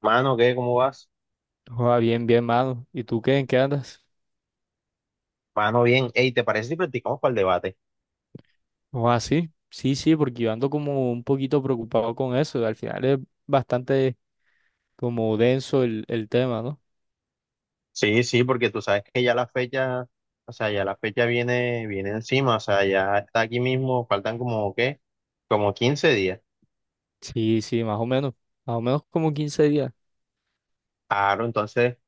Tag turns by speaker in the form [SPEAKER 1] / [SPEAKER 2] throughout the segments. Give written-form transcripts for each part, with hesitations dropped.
[SPEAKER 1] Mano, ¿qué? ¿Cómo vas?
[SPEAKER 2] Joda, bien, bien, mano. ¿Y tú qué? ¿En qué andas?
[SPEAKER 1] Mano, bien. Ey, ¿te parece si practicamos para el debate?
[SPEAKER 2] Joda, sí. Sí, sí, porque yo ando como un poquito preocupado con eso. Al final es bastante como denso el tema, ¿no?
[SPEAKER 1] Sí, sí, porque tú sabes que ya la fecha, o sea, ya la fecha viene encima, o sea, ya está aquí mismo, faltan como, ¿qué? Como 15 días.
[SPEAKER 2] Sí, sí, más o menos. Más o menos como 15 días.
[SPEAKER 1] Claro, entonces,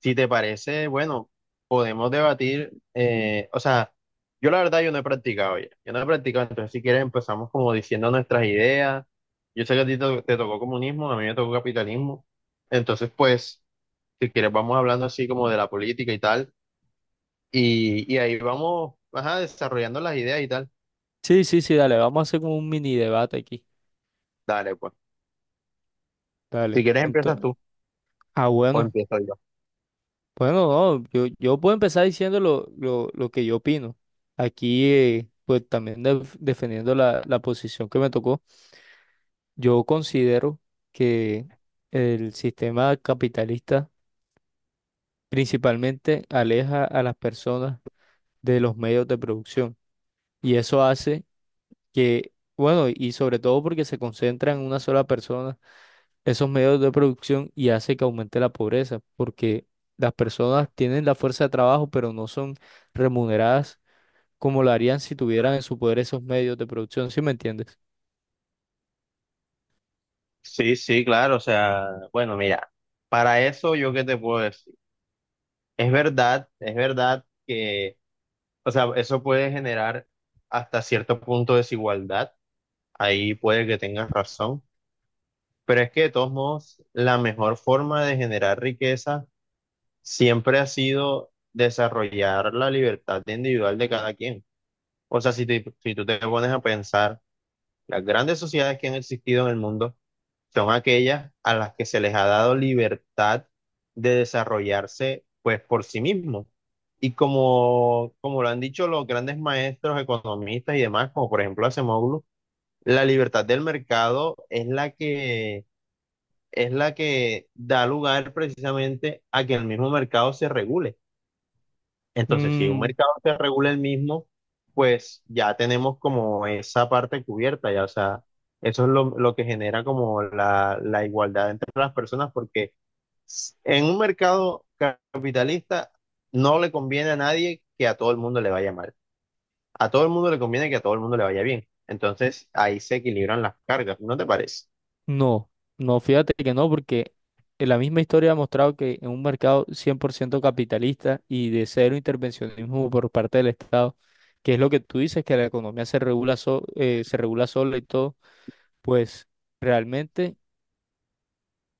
[SPEAKER 1] si te parece, bueno, podemos debatir, o sea, yo no he practicado, entonces si quieres empezamos como diciendo nuestras ideas. Yo sé que a ti te tocó comunismo, a mí me tocó capitalismo, entonces pues, si quieres vamos hablando así como de la política y tal. Y ahí vamos, ajá, desarrollando las ideas y tal.
[SPEAKER 2] Sí, sí, sí, dale, vamos a hacer como un mini debate aquí.
[SPEAKER 1] Dale, pues. Si
[SPEAKER 2] Dale.
[SPEAKER 1] quieres, empiezas
[SPEAKER 2] Entonces,
[SPEAKER 1] tú
[SPEAKER 2] ah,
[SPEAKER 1] o
[SPEAKER 2] bueno.
[SPEAKER 1] empiezo yo.
[SPEAKER 2] Bueno, no, yo puedo empezar diciendo lo que yo opino. Aquí, pues también defendiendo la posición que me tocó. Yo considero que el sistema capitalista principalmente aleja a las personas de los medios de producción y eso hace que, bueno, y sobre todo porque se concentra en una sola persona esos medios de producción y hace que aumente la pobreza porque las personas tienen la fuerza de trabajo pero no son remuneradas como lo harían si tuvieran en su poder esos medios de producción, ¿sí me entiendes?
[SPEAKER 1] Sí, sí, claro. O sea, bueno, mira, para eso yo qué te puedo decir. Es verdad, o sea, eso puede generar hasta cierto punto desigualdad. Ahí puede que tengas razón. Pero es que de todos modos, la mejor forma de generar riqueza siempre ha sido desarrollar la libertad individual de cada quien. O sea, si tú te pones a pensar, las grandes sociedades que han existido en el mundo son aquellas a las que se les ha dado libertad de desarrollarse pues por sí mismos. Y como lo han dicho los grandes maestros, economistas y demás, como por ejemplo Acemoglu, la libertad del mercado es la que da lugar precisamente a que el mismo mercado se regule. Entonces, si un mercado se regula el mismo, pues ya tenemos como esa parte cubierta, ya, o sea, eso es lo que genera como la igualdad entre las personas, porque en un mercado capitalista no le conviene a nadie que a todo el mundo le vaya mal, a todo el mundo le conviene que a todo el mundo le vaya bien, entonces ahí se equilibran las cargas, ¿no te parece?
[SPEAKER 2] No, no, fíjate que no, porque en la misma historia ha mostrado que en un mercado 100% capitalista y de cero intervencionismo por parte del Estado, que es lo que tú dices, que la economía se regula, se regula sola y todo, pues realmente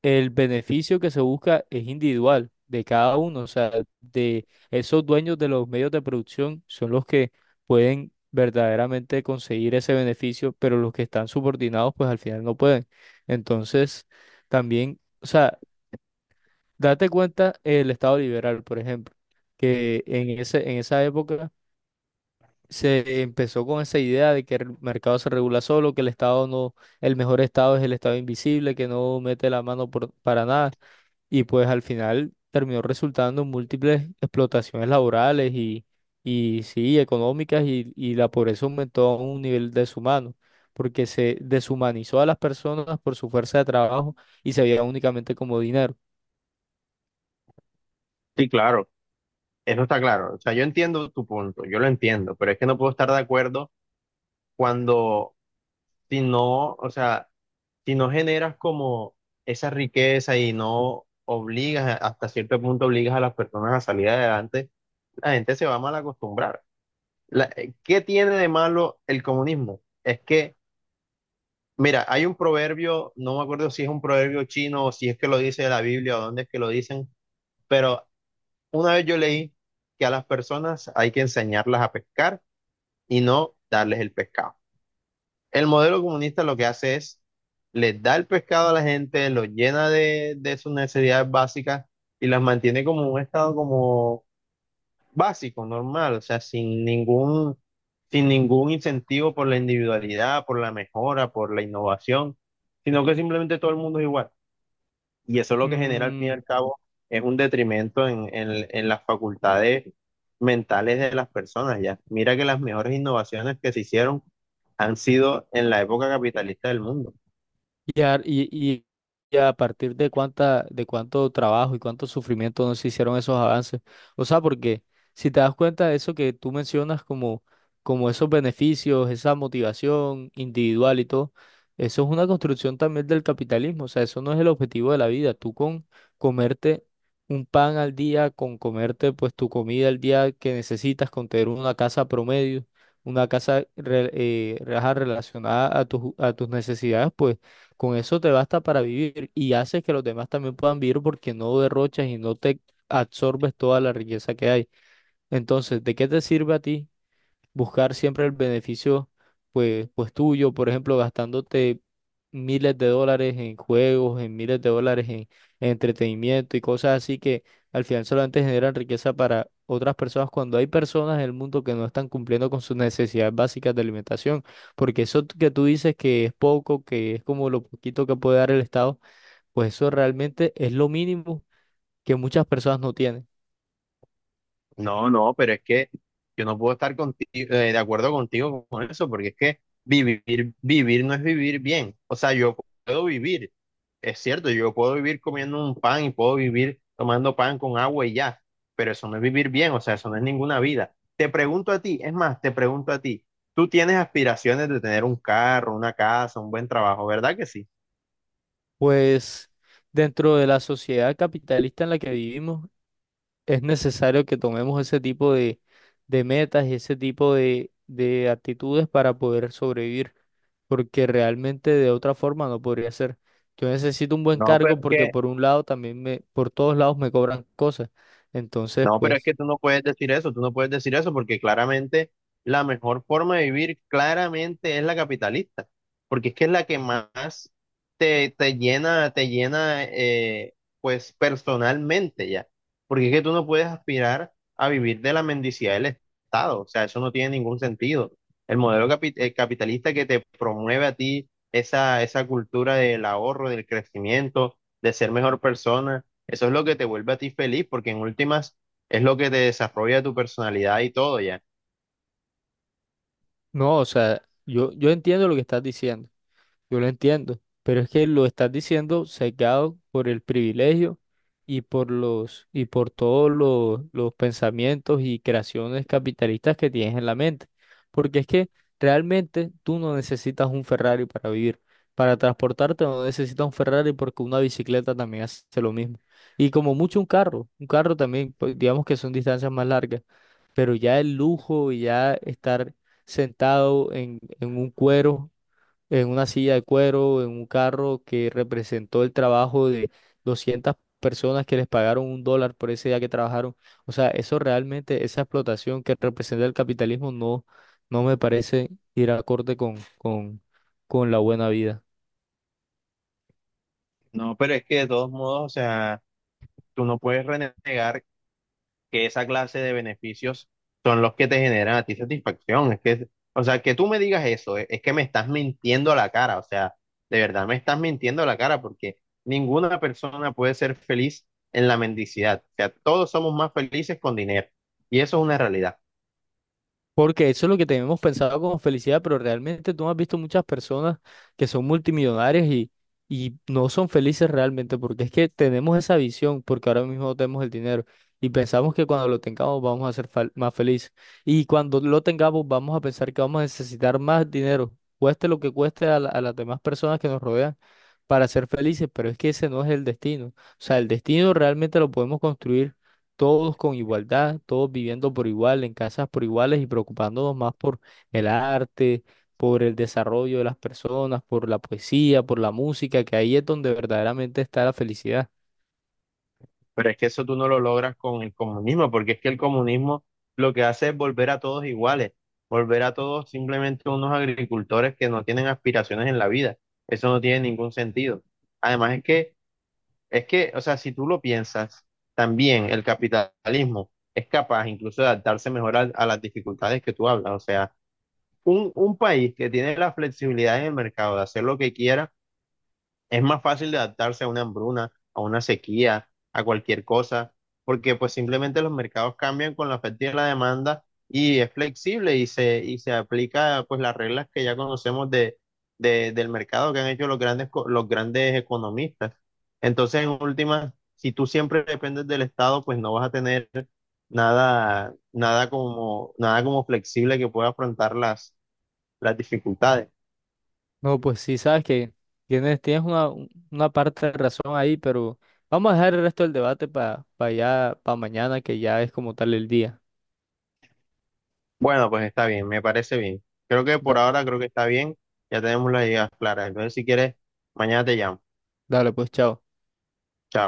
[SPEAKER 2] el beneficio que se busca es individual de cada uno, o sea, de esos dueños de los medios de producción son los que pueden verdaderamente conseguir ese beneficio, pero los que están subordinados pues al final no pueden. Entonces, también, o sea, date cuenta el Estado liberal, por ejemplo, que en esa época se empezó con esa idea de que el mercado se regula solo, que el Estado no, el mejor Estado es el Estado invisible, que no mete la mano para nada. Y pues al final terminó resultando en múltiples explotaciones laborales y sí, económicas, y la pobreza aumentó a un nivel deshumano, porque se deshumanizó a las personas por su fuerza de trabajo y se veía únicamente como dinero.
[SPEAKER 1] Sí, claro. Eso está claro, o sea, yo entiendo tu punto, yo lo entiendo, pero es que no puedo estar de acuerdo. Cuando si no, o sea, si no generas como esa riqueza y no obligas, hasta cierto punto obligas a las personas a salir adelante, la gente se va a mal acostumbrar. ¿Qué tiene de malo el comunismo? Es que, mira, hay un proverbio, no me acuerdo si es un proverbio chino o si es que lo dice la Biblia o dónde es que lo dicen, pero una vez yo leí que a las personas hay que enseñarlas a pescar y no darles el pescado. El modelo comunista lo que hace es, les da el pescado a la gente, los llena de sus necesidades básicas y las mantiene como un estado como básico, normal, o sea, sin ningún incentivo por la individualidad, por la mejora, por la innovación, sino que simplemente todo el mundo es igual. Y eso lo que genera al fin y
[SPEAKER 2] Mm.
[SPEAKER 1] al cabo es un detrimento en las facultades mentales de las personas, ya. Mira que las mejores innovaciones que se hicieron han sido en la época capitalista del mundo.
[SPEAKER 2] Y a, y, y- y a partir de cuánto trabajo y cuánto sufrimiento no se hicieron esos avances. O sea, porque si te das cuenta de eso que tú mencionas como, como esos beneficios, esa motivación individual y todo, eso es una construcción también del capitalismo. O sea, eso no es el objetivo de la vida. Tú con comerte un pan al día, con comerte pues tu comida al día que necesitas, con tener una casa promedio, una ajá, relacionada a a tus necesidades, pues. Con eso te basta para vivir y haces que los demás también puedan vivir porque no derrochas y no te absorbes toda la riqueza que hay. Entonces, ¿de qué te sirve a ti buscar siempre el beneficio pues tuyo, por ejemplo, gastándote miles de dólares en juegos, en miles de dólares en entretenimiento y cosas así que al final solamente generan riqueza para otras personas cuando hay personas en el mundo que no están cumpliendo con sus necesidades básicas de alimentación, porque eso que tú dices que es poco, que es como lo poquito que puede dar el Estado, pues eso realmente es lo mínimo que muchas personas no tienen.
[SPEAKER 1] No, no, pero es que yo no puedo estar contigo, de acuerdo contigo con eso, porque es que vivir, vivir no es vivir bien. O sea, yo puedo vivir, es cierto, yo puedo vivir comiendo un pan y puedo vivir tomando pan con agua y ya, pero eso no es vivir bien, o sea, eso no es ninguna vida. Te pregunto a ti, es más, te pregunto a ti, tú tienes aspiraciones de tener un carro, una casa, un buen trabajo, ¿verdad que sí?
[SPEAKER 2] Pues dentro de la sociedad capitalista en la que vivimos, es necesario que tomemos ese tipo de metas y ese tipo de actitudes para poder sobrevivir, porque realmente de otra forma no podría ser. Yo necesito un buen
[SPEAKER 1] No, pero
[SPEAKER 2] cargo
[SPEAKER 1] es
[SPEAKER 2] porque
[SPEAKER 1] que
[SPEAKER 2] por un lado también me, por todos lados me cobran cosas. Entonces,
[SPEAKER 1] no, pero es
[SPEAKER 2] pues,
[SPEAKER 1] que tú no puedes decir eso, tú no puedes decir eso porque claramente la mejor forma de vivir claramente es la capitalista, porque es que es la que más te llena pues personalmente ya, porque es que tú no puedes aspirar a vivir de la mendicidad del Estado, o sea, eso no tiene ningún sentido. El modelo capitalista que te promueve a ti esa cultura del ahorro, del crecimiento, de ser mejor persona, eso es lo que te vuelve a ti feliz, porque en últimas es lo que te desarrolla tu personalidad y todo ya.
[SPEAKER 2] no, o sea, yo entiendo lo que estás diciendo. Yo lo entiendo, pero es que lo estás diciendo sesgado por el privilegio y por los y por todos los pensamientos y creaciones capitalistas que tienes en la mente. Porque es que realmente tú no necesitas un Ferrari para vivir. Para transportarte no necesitas un Ferrari porque una bicicleta también hace lo mismo. Y como mucho un carro también, pues, digamos que son distancias más largas, pero ya el lujo y ya estar en un cuero en una silla de cuero, en un carro que representó el trabajo de 200 personas que les pagaron $1 por ese día que trabajaron. O sea, eso realmente, esa explotación que representa el capitalismo no, no me parece ir acorde con la buena vida.
[SPEAKER 1] No, pero es que de todos modos, o sea, tú no puedes renegar que esa clase de beneficios son los que te generan a ti satisfacción. O sea, que tú me digas eso, es que me estás mintiendo a la cara, o sea, de verdad me estás mintiendo a la cara porque ninguna persona puede ser feliz en la mendicidad. O sea, todos somos más felices con dinero y eso es una realidad.
[SPEAKER 2] Porque eso es lo que tenemos pensado como felicidad, pero realmente tú no has visto muchas personas que son multimillonarias y no son felices realmente, porque es que tenemos esa visión, porque ahora mismo no tenemos el dinero y pensamos que cuando lo tengamos vamos a ser más felices. Y cuando lo tengamos vamos a pensar que vamos a necesitar más dinero, cueste lo que cueste a las demás personas que nos rodean para ser felices, pero es que ese no es el destino. O sea, el destino realmente lo podemos construir todos con igualdad, todos viviendo por igual, en casas por iguales y preocupándonos más por el arte, por el desarrollo de las personas, por la poesía, por la música, que ahí es donde verdaderamente está la felicidad.
[SPEAKER 1] Pero es que eso tú no lo logras con el comunismo, porque es que el comunismo lo que hace es volver a todos iguales, volver a todos simplemente unos agricultores que no tienen aspiraciones en la vida. Eso no tiene ningún sentido. Además o sea, si tú lo piensas, también el capitalismo es capaz incluso de adaptarse mejor a las dificultades que tú hablas. O sea, un país que tiene la flexibilidad en el mercado de hacer lo que quiera es más fácil de adaptarse a una hambruna, a una sequía, a cualquier cosa, porque pues simplemente los mercados cambian con la oferta y la demanda y es flexible y y se aplica pues las reglas que ya conocemos del mercado que han hecho los grandes, los grandes economistas. Entonces, en última, si tú siempre dependes del Estado, pues no vas a tener nada, nada como flexible que pueda afrontar las dificultades.
[SPEAKER 2] No, pues sí, sabes que tienes, tienes una parte de razón ahí, pero vamos a dejar el resto del debate para para mañana, que ya es como tal el día.
[SPEAKER 1] Bueno, pues está bien, me parece bien. Creo que por
[SPEAKER 2] Da-
[SPEAKER 1] ahora creo que está bien. Ya tenemos las ideas claras. Entonces, si quieres, mañana te llamo.
[SPEAKER 2] Dale, pues, chao.
[SPEAKER 1] Chao.